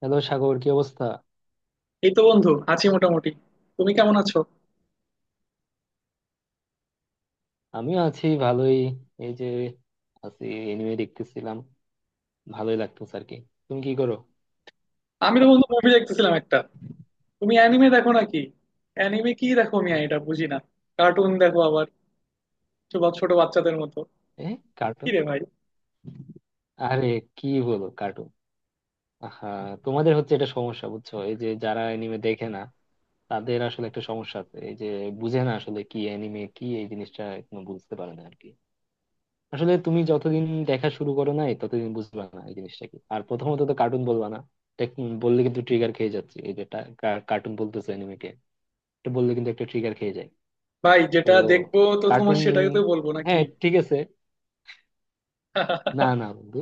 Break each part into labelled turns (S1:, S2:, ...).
S1: Hello Sagar, কি অবস্থা?
S2: এই তো বন্ধু আছি মোটামুটি। তুমি কেমন আছো?
S1: আমিও আছি ভালোই। এই যে আছি, এনিমে দেখতেছিলাম, ভালোই লাগতেছে আর কি। তুমি কি করো?
S2: আমি তো বন্ধু মুভি দেখতেছিলাম একটা। তুমি অ্যানিমে দেখো নাকি? অ্যানিমে কি দেখো, আমি এটা বুঝি না। কার্টুন দেখো আবার, ছোট ছোট বাচ্চাদের মতো।
S1: এ,
S2: কি
S1: কার্টুন?
S2: রে ভাই!
S1: আরে কি বলো, কার্টুন? আহা, তোমাদের হচ্ছে এটা সমস্যা, বুঝছো? এই যে যারা এনিমে দেখে না, তাদের আসলে একটা সমস্যা আছে। এই যে বুঝে না আসলে কি, এনিমে কি, এই জিনিসটা এখনো বুঝতে পারে না আর কি। আসলে তুমি যতদিন দেখা শুরু করো নাই, ততদিন বুঝবা না এই জিনিসটা কি। আর প্রথমত তো কার্টুন বলবা না, দেখ, বললে কিন্তু ট্রিগার খেয়ে যাচ্ছে। এই যে কার্টুন বলতেছে এনিমে, এটা বললে কিন্তু একটা ট্রিগার খেয়ে যায়।
S2: ভাই,
S1: তো
S2: যেটা দেখবো তো তোমার
S1: কার্টুন,
S2: সেটাকে তো বলবো নাকি?
S1: হ্যাঁ ঠিক আছে। না না বন্ধু,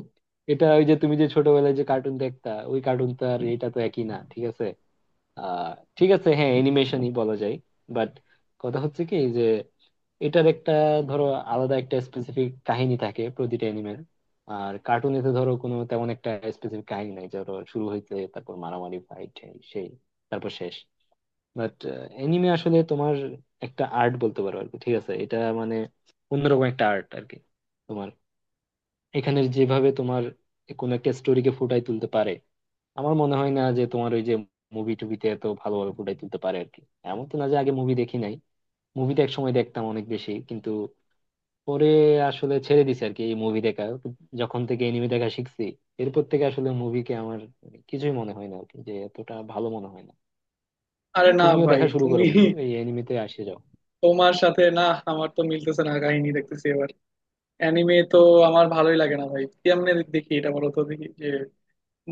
S1: এটা ওই যে তুমি যে ছোটবেলায় যে কার্টুন দেখতা, ওই কার্টুন তো আর এটা তো একই না, ঠিক আছে? আহ ঠিক আছে, হ্যাঁ, অ্যানিমেশনই বলা যায়। বাট কথা হচ্ছে কি যে, এটার একটা, ধরো, আলাদা একটা স্পেসিফিক কাহিনী থাকে প্রতিটা অ্যানিমের। আর কার্টুনে তো ধরো কোনো তেমন একটা স্পেসিফিক কাহিনী নাই, ধরো শুরু হইতে তারপর মারামারি ফাইট, সেই, তারপর শেষ। বাট এনিমে আসলে তোমার একটা আর্ট বলতে পারো আর কি, ঠিক আছে? এটা মানে অন্যরকম একটা আর্ট আর কি। তোমার এখানের যেভাবে তোমার কোন একটা স্টোরিকে ফুটাই তুলতে পারে, আমার মনে হয় না যে তোমার ওই যে মুভি টুবিতে এত ভালোভাবে ফুটাই তুলতে পারে আর কি। এমন তো না যে আগে মুভি দেখি নাই, মুভিতে এক সময় দেখতাম অনেক বেশি, কিন্তু পরে আসলে ছেড়ে দিছি আর কি এই মুভি দেখা। যখন থেকে এনিমে দেখা শিখছি, এরপর থেকে আসলে মুভিকে আমার কিছুই মনে হয় না আর কি, যে এতটা ভালো মনে হয় না।
S2: আরে
S1: এই
S2: না
S1: তুমিও
S2: ভাই,
S1: দেখা শুরু
S2: তুমি,
S1: করো বন্ধু, এই এনিমেতে আসে যাও।
S2: তোমার সাথে না আমার তো মিলতেছে না কাহিনী, দেখতেছি এবার অ্যানিমে তো। আমার ভালোই লাগে না ভাই, কেমনে দেখি এটা বলো তো দেখি যে।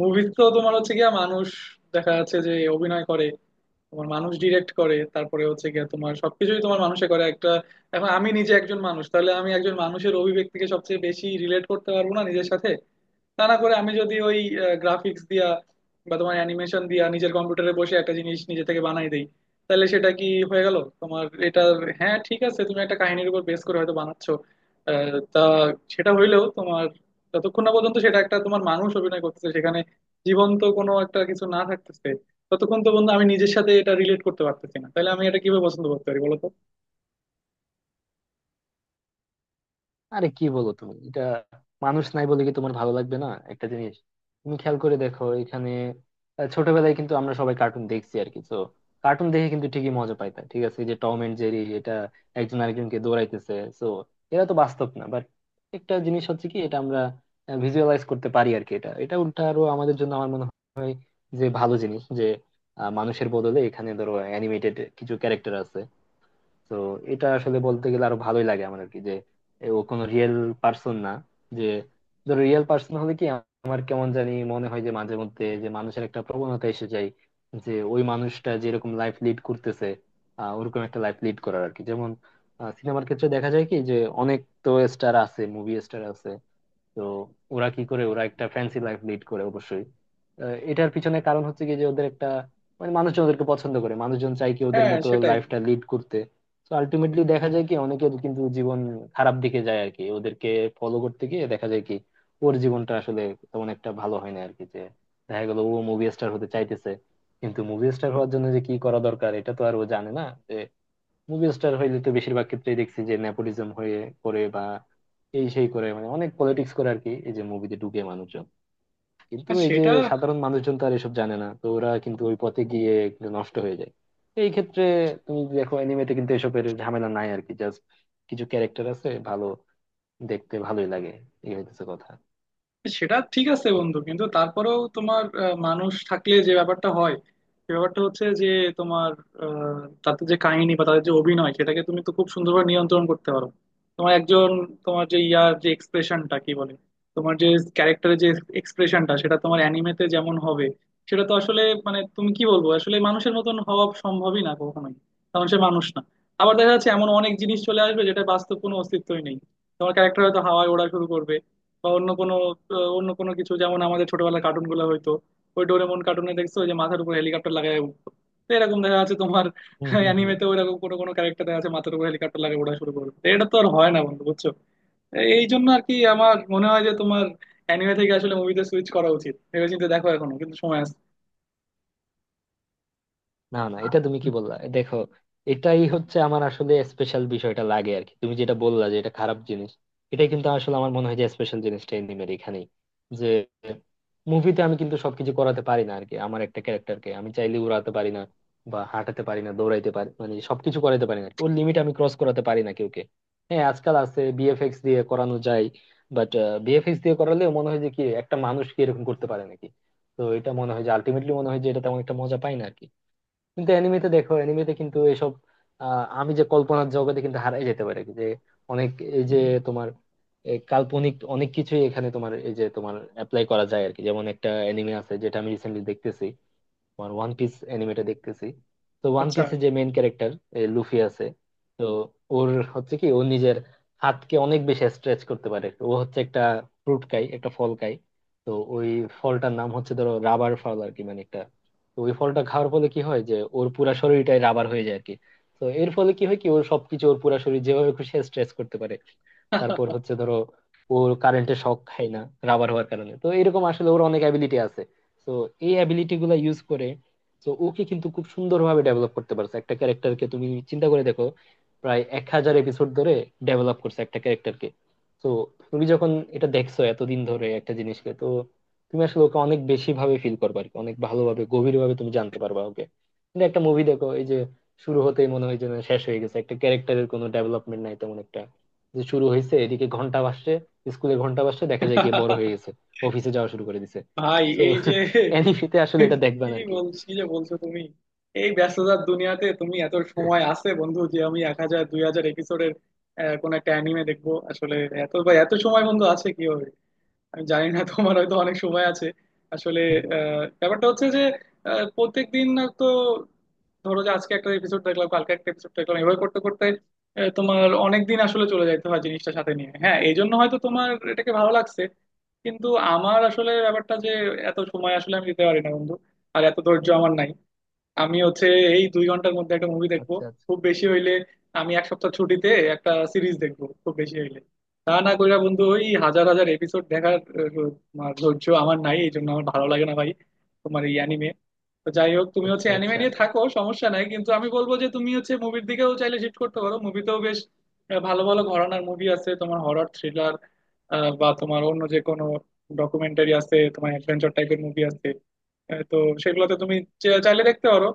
S2: মুভিজ তো তোমার হচ্ছে গিয়া মানুষ দেখা যাচ্ছে যে অভিনয় করে, তোমার মানুষ ডিরেক্ট করে, তারপরে হচ্ছে গিয়ে তোমার সবকিছুই তোমার মানুষে করে একটা। এখন আমি নিজে একজন মানুষ, তাহলে আমি একজন মানুষের অভিব্যক্তিকে সবচেয়ে বেশি রিলেট করতে পারবো না নিজের সাথে? তা না করে আমি যদি ওই গ্রাফিক্স দিয়া বা তোমার অ্যানিমেশন দিয়া নিজের কম্পিউটারে বসে একটা জিনিস নিজে থেকে বানাই দেই, তাহলে সেটা কি হয়ে গেল তোমার এটা? হ্যাঁ ঠিক আছে, তুমি একটা কাহিনীর উপর বেস করে হয়তো বানাচ্ছো। তা, সেটা হইলেও তোমার, যতক্ষণ না পর্যন্ত সেটা একটা তোমার মানুষ অভিনয় করতেছে সেখানে, জীবন্ত কোনো একটা কিছু না থাকতেছে, ততক্ষণ তো বন্ধু আমি নিজের সাথে এটা রিলেট করতে পারতেছি না, তাহলে আমি এটা কিভাবে পছন্দ করতে পারি বলো তো?
S1: আরে কি বলো তুমি এটা, মানুষ নাই বলে কি তোমার ভালো লাগবে না একটা জিনিস? তুমি খেয়াল করে দেখো এখানে, ছোটবেলায় কিন্তু আমরা সবাই কার্টুন দেখছি আর কি। তো কার্টুন দেখে কিন্তু ঠিকই মজা পাইতাম, ঠিক আছে? এই যে টম এন্ড জেরি, এটা একজন আরেকজনকে দৌড়াইতেছে, তো এরা তো বাস্তব না। বাট একটা জিনিস হচ্ছে কি, এটা আমরা ভিজুয়ালাইজ করতে পারি আর কি। এটা এটা উল্টা আরো আমাদের জন্য আমার মনে হয় যে ভালো জিনিস, যে মানুষের বদলে এখানে ধরো অ্যানিমেটেড কিছু ক্যারেক্টার আছে। তো এটা আসলে বলতে গেলে আরো ভালোই লাগে আমার আর কি, যে এ ও কোনো রিয়েল পার্সন না। যে ধরো রিয়েল পার্সন হলে কি, আমার কেমন জানি মনে হয় যে মাঝে মধ্যে যে মানুষের একটা প্রবণতা এসে যায় যে ওই মানুষটা যেরকম লাইফ লিড করতেছে, ওরকম একটা লাইফ লিড করার আর কি। যেমন সিনেমার ক্ষেত্রে দেখা যায় কি যে, অনেক তো স্টার আছে, মুভি স্টার আছে, তো ওরা কি করে, ওরা একটা ফ্যান্সি লাইফ লিড করে অবশ্যই। এটার পিছনে কারণ হচ্ছে কি যে ওদের একটা, মানে, মানুষজন ওদেরকে পছন্দ করে, মানুষজন চায় কি ওদের
S2: হ্যাঁ
S1: মতো
S2: সেটাই।
S1: লাইফটা লিড করতে। তো আলটিমেটলি দেখা যায় কি অনেকের কিন্তু জীবন খারাপ দিকে যায় আর কি, ওদেরকে ফলো করতে গিয়ে দেখা যায় কি ওর জীবনটা আসলে তেমন একটা ভালো হয় না আর কি। যে দেখা গেল ও মুভি স্টার হতে চাইতেছে, কিন্তু মুভি স্টার হওয়ার জন্য যে কি করা দরকার এটা তো আর ও জানে না। মুভি স্টার হইলে তো বেশিরভাগ ক্ষেত্রেই দেখছি যে নেপোটিজম হয়ে করে, বা এই সেই করে, মানে অনেক পলিটিক্স করে আর কি, এই যে মুভিতে ঢুকে মানুষজন। কিন্তু
S2: হ্যাঁ,
S1: এই যে
S2: সেটা।
S1: সাধারণ মানুষজন তো আর এসব জানে না, তো ওরা কিন্তু ওই পথে গিয়ে একটু নষ্ট হয়ে যায়। তো এই ক্ষেত্রে তুমি দেখো অ্যানিমেতে কিন্তু এসবের ঝামেলা নাই আর কি, জাস্ট কিছু ক্যারেক্টার আছে, ভালো দেখতে, ভালোই লাগে। এই হইতেছে কথা।
S2: সেটা ঠিক আছে বন্ধু, কিন্তু তারপরেও তোমার মানুষ থাকলে যে ব্যাপারটা হয়, সে ব্যাপারটা হচ্ছে যে তোমার, তাদের যে কাহিনী বা তাদের যে অভিনয় সেটাকে তুমি তো খুব সুন্দরভাবে নিয়ন্ত্রণ করতে পারো। তোমার একজন, তোমার যে ইয়ার যে এক্সপ্রেশনটা কি বলে, তোমার যে ক্যারেক্টারের যে এক্সপ্রেশনটা, সেটা তোমার অ্যানিমেতে যেমন হবে, সেটা তো আসলে, মানে তুমি কি বলবো, আসলে মানুষের মতন হওয়া সম্ভবই না কখনোই, কারণ সে মানুষ না। আবার দেখা যাচ্ছে এমন অনেক জিনিস চলে আসবে যেটা বাস্তব কোনো অস্তিত্বই নেই। তোমার ক্যারেক্টার হয়তো হাওয়ায় ওড়া শুরু করবে বা অন্য কোনো, অন্য কোনো কিছু, যেমন আমাদের ছোটবেলার কার্টুন গুলো হয়তো, ওই ডোরেমন কার্টুনে দেখছো ওই যে মাথার উপর হেলিকপ্টার লাগায় উঠতো। তো এরকম দেখা যাচ্ছে তোমার
S1: হম হম হম।
S2: অ্যানিমেতে ওইরকম কোনো কোনো ক্যারেক্টার দেখা যাচ্ছে, মাথার উপর হেলিকপ্টার লাগে ওড়া শুরু করবে, তো এটা তো আর হয় না বন্ধু বুঝছো। এই জন্য আর কি আমার মনে হয় যে তোমার অ্যানিমে থেকে আসলে মুভিতে সুইচ করা উচিত, ভেবেচিন্তে দেখো, এখনো কিন্তু সময় আছে।
S1: না না, এটা তুমি কি বললা, দেখো, এটাই হচ্ছে আমার আসলে স্পেশাল বিষয়টা লাগে আর কি। তুমি যেটা বললা যে এটা খারাপ জিনিস, এটাই কিন্তু আসলে আমার মনে হয় যে স্পেশাল জিনিসটা এনিমের, এখানেই। যে মুভিতে আমি কিন্তু সবকিছু করাতে পারি না আর কি, আমার একটা ক্যারেক্টারকে আমি চাইলে উড়াতে পারি না, বা হাঁটাতে পারি না, দৌড়াইতে পারি, মানে সবকিছু করাতে পারি না, ওর লিমিট আমি ক্রস করাতে পারি না কাউকে। হ্যাঁ আজকাল আছে, বিএফএক্স দিয়ে করানো যায়, বাট বিএফএক্স দিয়ে করালেও মনে হয় যে কি, একটা মানুষ কি এরকম করতে পারে নাকি? তো এটা মনে হয় যে আলটিমেটলি মনে হয় যে এটা তেমন একটা মজা পাই না আর কি। কিন্তু অ্যানিমেতে দেখো, অ্যানিমেতে কিন্তু এসব, আমি যে কল্পনার জগতে কিন্তু হারাই যেতে পারে, যে অনেক, এই যে, তোমার, কাল্পনিক অনেক কিছুই এখানে তোমার এই যে তোমার অ্যাপ্লাই করা যায় আর কি। যেমন একটা অ্যানিমে আছে যেটা আমি রিসেন্টলি দেখতেছি, তোমার ওয়ান পিস অ্যানিমেটা দেখতেছি। তো ওয়ান
S2: আচ্ছা।
S1: পিসে যে মেইন ক্যারেক্টার লুফি আছে, তো ওর হচ্ছে কি, ও নিজের হাতকে অনেক বেশি স্ট্রেচ করতে পারে। ও হচ্ছে একটা ফ্রুট খায়, একটা ফল খায়, তো ওই ফলটার নাম হচ্ছে ধরো রাবার ফল আর কি, মানে একটা। তো ওই ফলটা খাওয়ার ফলে কি হয় যে, ওর পুরা শরীরটাই রাবার হয়ে যায় আর কি। তো এর ফলে কি হয়, কি ওর সবকিছু, ওর পুরা শরীর যেভাবে খুশি স্ট্রেচ করতে পারে। তারপর হচ্ছে ধরো ওর কারেন্টে শক খায় না রাবার হওয়ার কারণে। তো এরকম আসলে ওর অনেক অ্যাবিলিটি আছে, তো এই অ্যাবিলিটি গুলা ইউজ করে, তো ওকে কিন্তু খুব সুন্দরভাবে ডেভেলপ করতে পারছে একটা ক্যারেক্টারকে। তুমি চিন্তা করে দেখো, প্রায় 1000 এপিসোড ধরে ডেভেলপ করছে একটা ক্যারেক্টারকে। তো তুমি যখন এটা দেখছো এতদিন ধরে একটা জিনিসকে, তো তুমি আসলে ওকে অনেক বেশি ভাবে ফিল করবে আর কি, অনেক ভালোভাবে, গভীর ভাবে তুমি জানতে পারবা ওকে। কিন্তু একটা মুভি দেখো, এই যে শুরু হতেই মনে হয় যেন শেষ হয়ে গেছে, একটা ক্যারেক্টারের কোনো ডেভেলপমেন্ট নাই তেমন একটা। যে শুরু হয়েছে, এদিকে ঘন্টা বাজছে, স্কুলে ঘন্টা বাজছে, দেখা যায় কি বড় হয়ে গেছে, অফিসে যাওয়া শুরু করে দিছে।
S2: ভাই
S1: তো
S2: এই যে,
S1: অ্যানিমেতে আসলে এটা
S2: কি
S1: দেখবেন আর কি।
S2: বলছি যে বলছো তুমি, এই ব্যস্ততার দুনিয়াতে তুমি এত সময় আছে বন্ধু যে আমি 1,000 2,000 এপিসোডের কোন একটা অ্যানিমে দেখবো আসলে? এত বা এত সময় বন্ধু আছে, কি হবে? আমি জানি না, তোমার হয়তো অনেক সময় আছে আসলে। ব্যাপারটা হচ্ছে যে প্রত্যেক দিন তো ধরো যে আজকে একটা এপিসোড দেখলাম কালকে একটা এপিসোড দেখলাম, এভাবে করতে করতে তোমার অনেক দিন আসলে চলে যেতে হয় জিনিসটা সাথে নিয়ে। হ্যাঁ এই জন্য হয়তো তোমার এটাকে ভালো লাগছে, কিন্তু আমার আসলে ব্যাপারটা যে এত সময় আসলে আমি দিতে পারি না বন্ধু, আর এত ধৈর্য আমার নাই। আমি হচ্ছে এই 2 ঘন্টার মধ্যে একটা মুভি দেখবো
S1: আচ্ছা আচ্ছা।
S2: খুব বেশি হইলে, আমি এক সপ্তাহ ছুটিতে একটা সিরিজ দেখবো খুব বেশি হইলে। তা না কইরা বন্ধু ওই হাজার হাজার এপিসোড দেখার তোমার ধৈর্য আমার নাই, এই জন্য আমার ভালো লাগে না ভাই তোমার এই অ্যানিমে। তো যাই হোক, তুমি হচ্ছে
S1: আচ্ছা
S2: অ্যানিমে
S1: আচ্ছা।
S2: নিয়ে থাকো, সমস্যা নাই, কিন্তু আমি বলবো যে তুমি হচ্ছে মুভির দিকেও চাইলে শিফট করতে পারো। মুভিতেও বেশ ভালো ভালো ঘরানার মুভি আছে, তোমার হরর থ্রিলার বা তোমার অন্য যে কোনো ডকুমেন্টারি আছে, তোমার অ্যাডভেঞ্চার টাইপের মুভি আছে। তো সেগুলোতে তুমি চাইলে দেখতে পারো।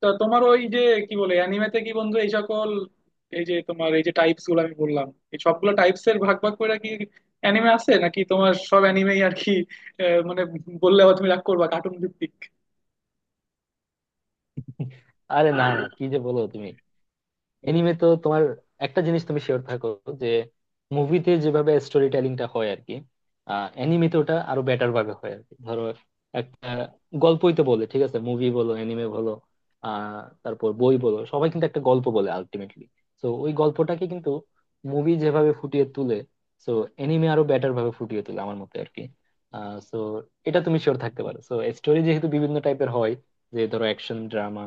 S2: তো তোমার ওই যে কি বলে, অ্যানিমেতে কি বন্ধু এই সকল এই যে তোমার এই যে টাইপস গুলো আমি বললাম, এই সবগুলো টাইপস এর ভাগ ভাগ করে কি অ্যানিমে আছে নাকি তোমার সব অ্যানিমেই আর কি? মানে বললে আবার তুমি রাগ করবা, কার্টুন ভিত্তিক।
S1: আরে না না, কি যে বলো তুমি। এনিমে তো তোমার একটা জিনিস তুমি শিওর থাকো, যে মুভিতে যেভাবে স্টোরি টেলিংটা হয় আর কি, অ্যানিমেতে ওটা আরো বেটার ভাবে হয় আর কি। ধরো একটা গল্পই তো বলে, ঠিক আছে? মুভি বলো, অ্যানিমে বলো, তারপর বই বলো, সবাই কিন্তু একটা গল্প বলে আলটিমেটলি। তো ওই গল্পটাকে কিন্তু মুভি যেভাবে ফুটিয়ে তুলে, তো অ্যানিমে আরো বেটার ভাবে ফুটিয়ে তোলে আমার মতে আর কি। তো এটা তুমি শিওর থাকতে পারো। তো স্টোরি যেহেতু বিভিন্ন টাইপের হয়, যে ধরো অ্যাকশন, ড্রামা,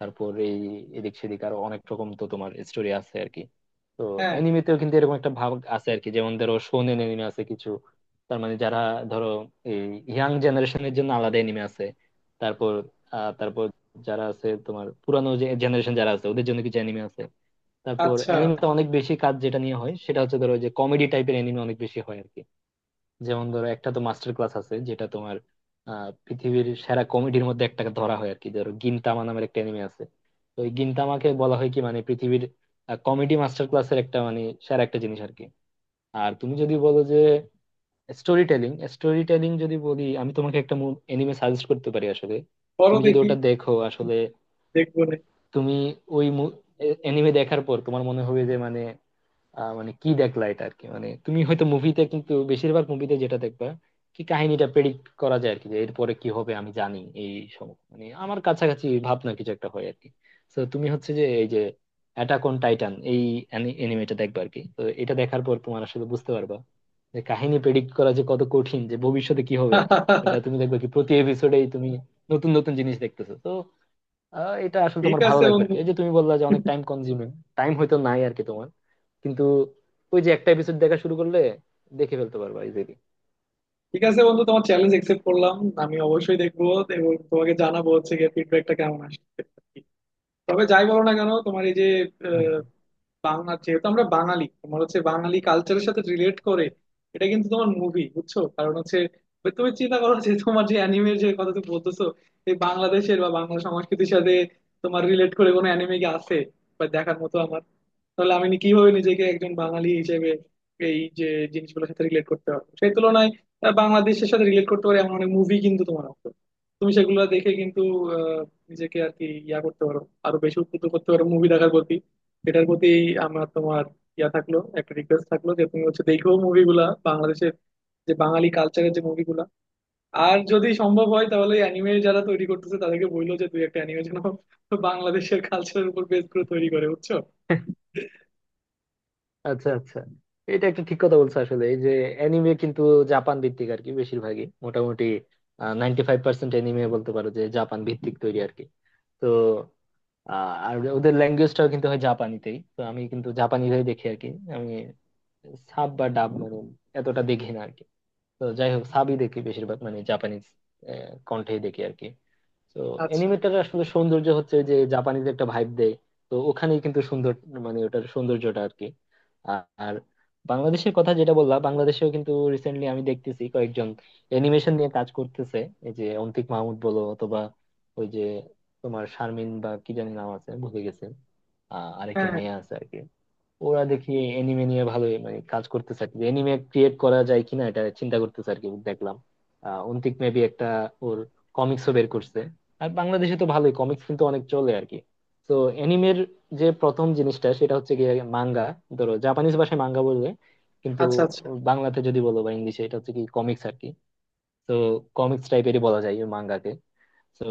S1: তারপর এই এদিক সেদিক আরো অনেক রকম, তো তোমার স্টোরি আছে আর কি। তো অ্যানিমেতেও কিন্তু এরকম একটা ভাগ আছে আর কি, যেমন ধরো শোনেন অ্যানিমে আছে কিছু, তার মানে যারা ধরো এই ইয়াং জেনারেশনের জন্য আলাদা অ্যানিমে আছে। তারপর তারপর যারা আছে তোমার পুরানো যে জেনারেশন, যারা আছে ওদের জন্য কিছু অ্যানিমে আছে। তারপর
S2: আচ্ছা।
S1: অ্যানিমে অনেক বেশি কাজ যেটা নিয়ে হয়, সেটা হচ্ছে ধরো যে কমেডি টাইপের অ্যানিমে অনেক বেশি হয় আর কি। যেমন ধরো একটা তো মাস্টার ক্লাস আছে যেটা তোমার পৃথিবীর সেরা কমেডির মধ্যে একটাকে ধরা হয় আর কি, ধরো গিনতামা নামের একটা এনিমে আছে। তো এই গিনতামাকে বলা হয় কি, মানে পৃথিবীর কমেডি মাস্টার ক্লাসের একটা, মানে সেরা একটা জিনিস আর কি। আর তুমি যদি বলো যে স্টোরি টেলিং, স্টোরি টেলিং যদি বলি, আমি তোমাকে একটা এনিমে সাজেস্ট করতে পারি আসলে।
S2: বলো
S1: তুমি যদি
S2: দেখি।
S1: ওটা দেখো আসলে,
S2: দেখবো নে।
S1: তুমি ওই এনিমে দেখার পর তোমার মনে হবে যে, মানে, মানে কি দেখলা এটা আর কি। মানে তুমি হয়তো মুভিতে, কিন্তু বেশিরভাগ মুভিতে যেটা দেখবা কি, কাহিনীটা প্রেডিক্ট করা যায় আর কি, যে এরপরে কি হবে আমি জানি, এই মানে আমার কাছাকাছি ভাবনা কিছু একটা হয় আর কি। তো তুমি হচ্ছে যে এই যে অ্যাটাক অন টাইটান, এই এনিমেটা দেখবা আর কি। তো এটা দেখার পর তোমার আসলে বুঝতে পারবা যে কাহিনী প্রেডিক্ট করা যে কত কঠিন, যে ভবিষ্যতে কি হবে। এটা তুমি দেখবে কি, প্রতি এপিসোডেই তুমি নতুন নতুন জিনিস দেখতেছো। তো এটা আসলে
S2: ঠিক
S1: তোমার ভালো
S2: আছে
S1: লাগবে আর
S2: বন্ধু।
S1: কি। এই যে তুমি বললা যে অনেক টাইম কনজিউমিং, টাইম হয়তো নাই আর কি তোমার, কিন্তু ওই যে একটা এপিসোড দেখা শুরু করলে দেখে ফেলতে পারবা ইজিলি।
S2: ঠিক আছে বন্ধু, তোমার চ্যালেঞ্জ একসেপ্ট করলাম, আমি অবশ্যই দেখবো এবং তোমাকে জানাবো হচ্ছে গিয়ে ফিডব্যাকটা কেমন আসছে। তবে যাই বলো না কেন তোমার এই যে
S1: হুম।
S2: আহ, বাংলা, যেহেতু আমরা বাঙালি, তোমার হচ্ছে বাঙালি কালচারের সাথে রিলেট করে এটা কিন্তু তোমার মুভি, বুঝছো? কারণ হচ্ছে ওই তুমি চিন্তা করো যে তোমার যে অ্যানিমের যে কথা তুমি বলতেছো, এই বাংলাদেশের বা বাংলা সংস্কৃতির সাথে তোমার রিলেট করে কোনো অ্যানিমে কি আছে বা দেখার মতো আমার? তাহলে আমি কিভাবে নিজেকে একজন বাঙালি হিসেবে এই যে জিনিসগুলোর সাথে রিলেট করতে পারবো সেই তুলনায়? বাংলাদেশের সাথে রিলেট করতে পারে এমন অনেক মুভি কিন্তু তোমার আছে, তুমি সেগুলো দেখে কিন্তু আহ, নিজেকে আর কি ইয়া করতে পারো, আরো বেশি উদ্বুদ্ধ করতে পারো মুভি দেখার প্রতি, এটার প্রতি। আমার, তোমার, ইয়া থাকলো একটা রিকোয়েস্ট থাকলো যে তুমি হচ্ছে দেখো মুভিগুলা বাংলাদেশের, যে বাঙালি কালচারের যে মুভিগুলা। আর যদি সম্ভব হয় তাহলে অ্যানিমে যারা তৈরি করতেছে তাদেরকে বললো যে দুই একটা অ্যানিমে যেন বাংলাদেশের কালচারের উপর বেস করে তৈরি করে, বুঝছো?
S1: আচ্ছা আচ্ছা। এটা একটা ঠিক কথা বলছো আসলে, এই যে অ্যানিমে কিন্তু জাপান ভিত্তিক আর কি, বেশিরভাগই মোটামুটি 95% অ্যানিমে বলতে পারো যে জাপান ভিত্তিক তৈরি আর কি। তো আর ওদের ল্যাঙ্গুয়েজটাও কিন্তু হয় জাপানিতেই, তো আমি কিন্তু জাপানিরাই দেখি আর কি। আমি সাব বা ডাব মানে এতটা দেখি না আর কি। তো যাই হোক, সাবই দেখি বেশিরভাগ, মানে জাপানিজ কন্ঠেই দেখি আর কি। তো
S2: আচ্ছা।
S1: অ্যানিমেটার আসলে সৌন্দর্য হচ্ছে যে জাপানিজ একটা ভাইব দেয়। তো ওখানেই কিন্তু সুন্দর, মানে ওটার সৌন্দর্যটা আর কি। আ- আর বাংলাদেশের কথা যেটা বললাম, বাংলাদেশেও কিন্তু রিসেন্টলি আমি দেখতেছি কয়েকজন অ্যানিমেশন নিয়ে কাজ করতেছে। এই যে অন্তিক মাহমুদ বলো, অথবা ওই যে তোমার শারমিন বা কি জানি নাম আছে, ভুলে গেছে,
S2: হ্যাঁ
S1: আরেকজন
S2: হ্যাঁ।
S1: মেয়ে আছে আর কি। ওরা দেখি এনিমে নিয়ে ভালোই মানে কাজ করতেছে আর কি, এনিমে ক্রিয়েট করা যায় কিনা এটা চিন্তা করতেছে আর কি দেখলাম। অন্তিক মেবি একটা, ওর কমিক্সও বের করছে। আর বাংলাদেশে তো ভালোই কমিক্স কিন্তু অনেক চলে আর কি। তো এনিমের যে প্রথম জিনিসটা সেটা হচ্ছে গিয়ে মাঙ্গা, ধরো জাপানিজ ভাষায় মাঙ্গা বলবে, কিন্তু
S2: আচ্ছা আচ্ছা।
S1: বাংলাতে যদি বলো বা ইংলিশে, এটা হচ্ছে কি কমিক্স আর কি। তো কমিক্স টাইপেরই বলা যায় মাঙ্গাকে। তো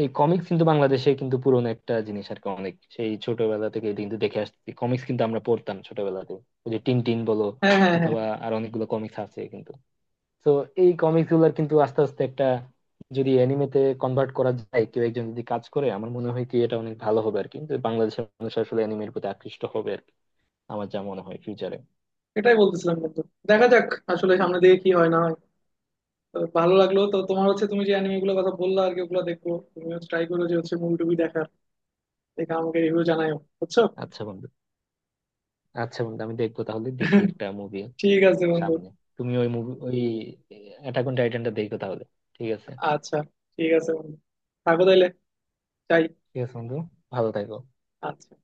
S1: এই কমিক্স কিন্তু বাংলাদেশে কিন্তু পুরনো একটা জিনিস আর কি, অনেক সেই ছোটবেলা থেকে এটা কিন্তু দেখে আসছি, কমিক্স কিন্তু আমরা পড়তাম ছোটবেলাতে, ওই যে টিন টিন বলো,
S2: হ্যাঁ হ্যাঁ হ্যাঁ হ্যাঁ।
S1: অথবা আর অনেকগুলো কমিক্স আছে কিন্তু। তো এই কমিক্স গুলার কিন্তু আস্তে আস্তে একটা, যদি অ্যানিমেতে কনভার্ট করা যায়, কেউ একজন যদি কাজ করে, আমার মনে হয় কি এটা অনেক ভালো হবে আর কি। কিন্তু বাংলাদেশের মানুষ আসলে অ্যানিমের প্রতি আকৃষ্ট হবে আর কি, আমার যা মনে হয় ফিউচারে।
S2: এটাই বলতেছিলাম বন্ধু। দেখা যাক আসলে সামনে দিকে কি হয় না হয়। তবে ভালো লাগলো তো তোমার হচ্ছে, তুমি যে অ্যানিমে গুলোর কথা বললা আর কি ওগুলো দেখবো, তুমি ট্রাই করো যে হচ্ছে মুভি টুভি দেখার, দেখে আমাকে রিভিউ জানাও বুঝছো।
S1: আচ্ছা বন্ধু, আচ্ছা বন্ধু, আমি দেখবো তাহলে, দেখি একটা মুভি
S2: ঠিক আছে বন্ধু।
S1: সামনে। তুমি ওই মুভি ওই অ্যাটাক অন টাইটানটা দেখো তাহলে, ঠিক আছে?
S2: আচ্ছা। ঠিক আছে বন্ধু, থাকো তাইলে, যাই।
S1: ঠিক আছে বন্ধু, ভালো থাকো।
S2: আচ্ছা।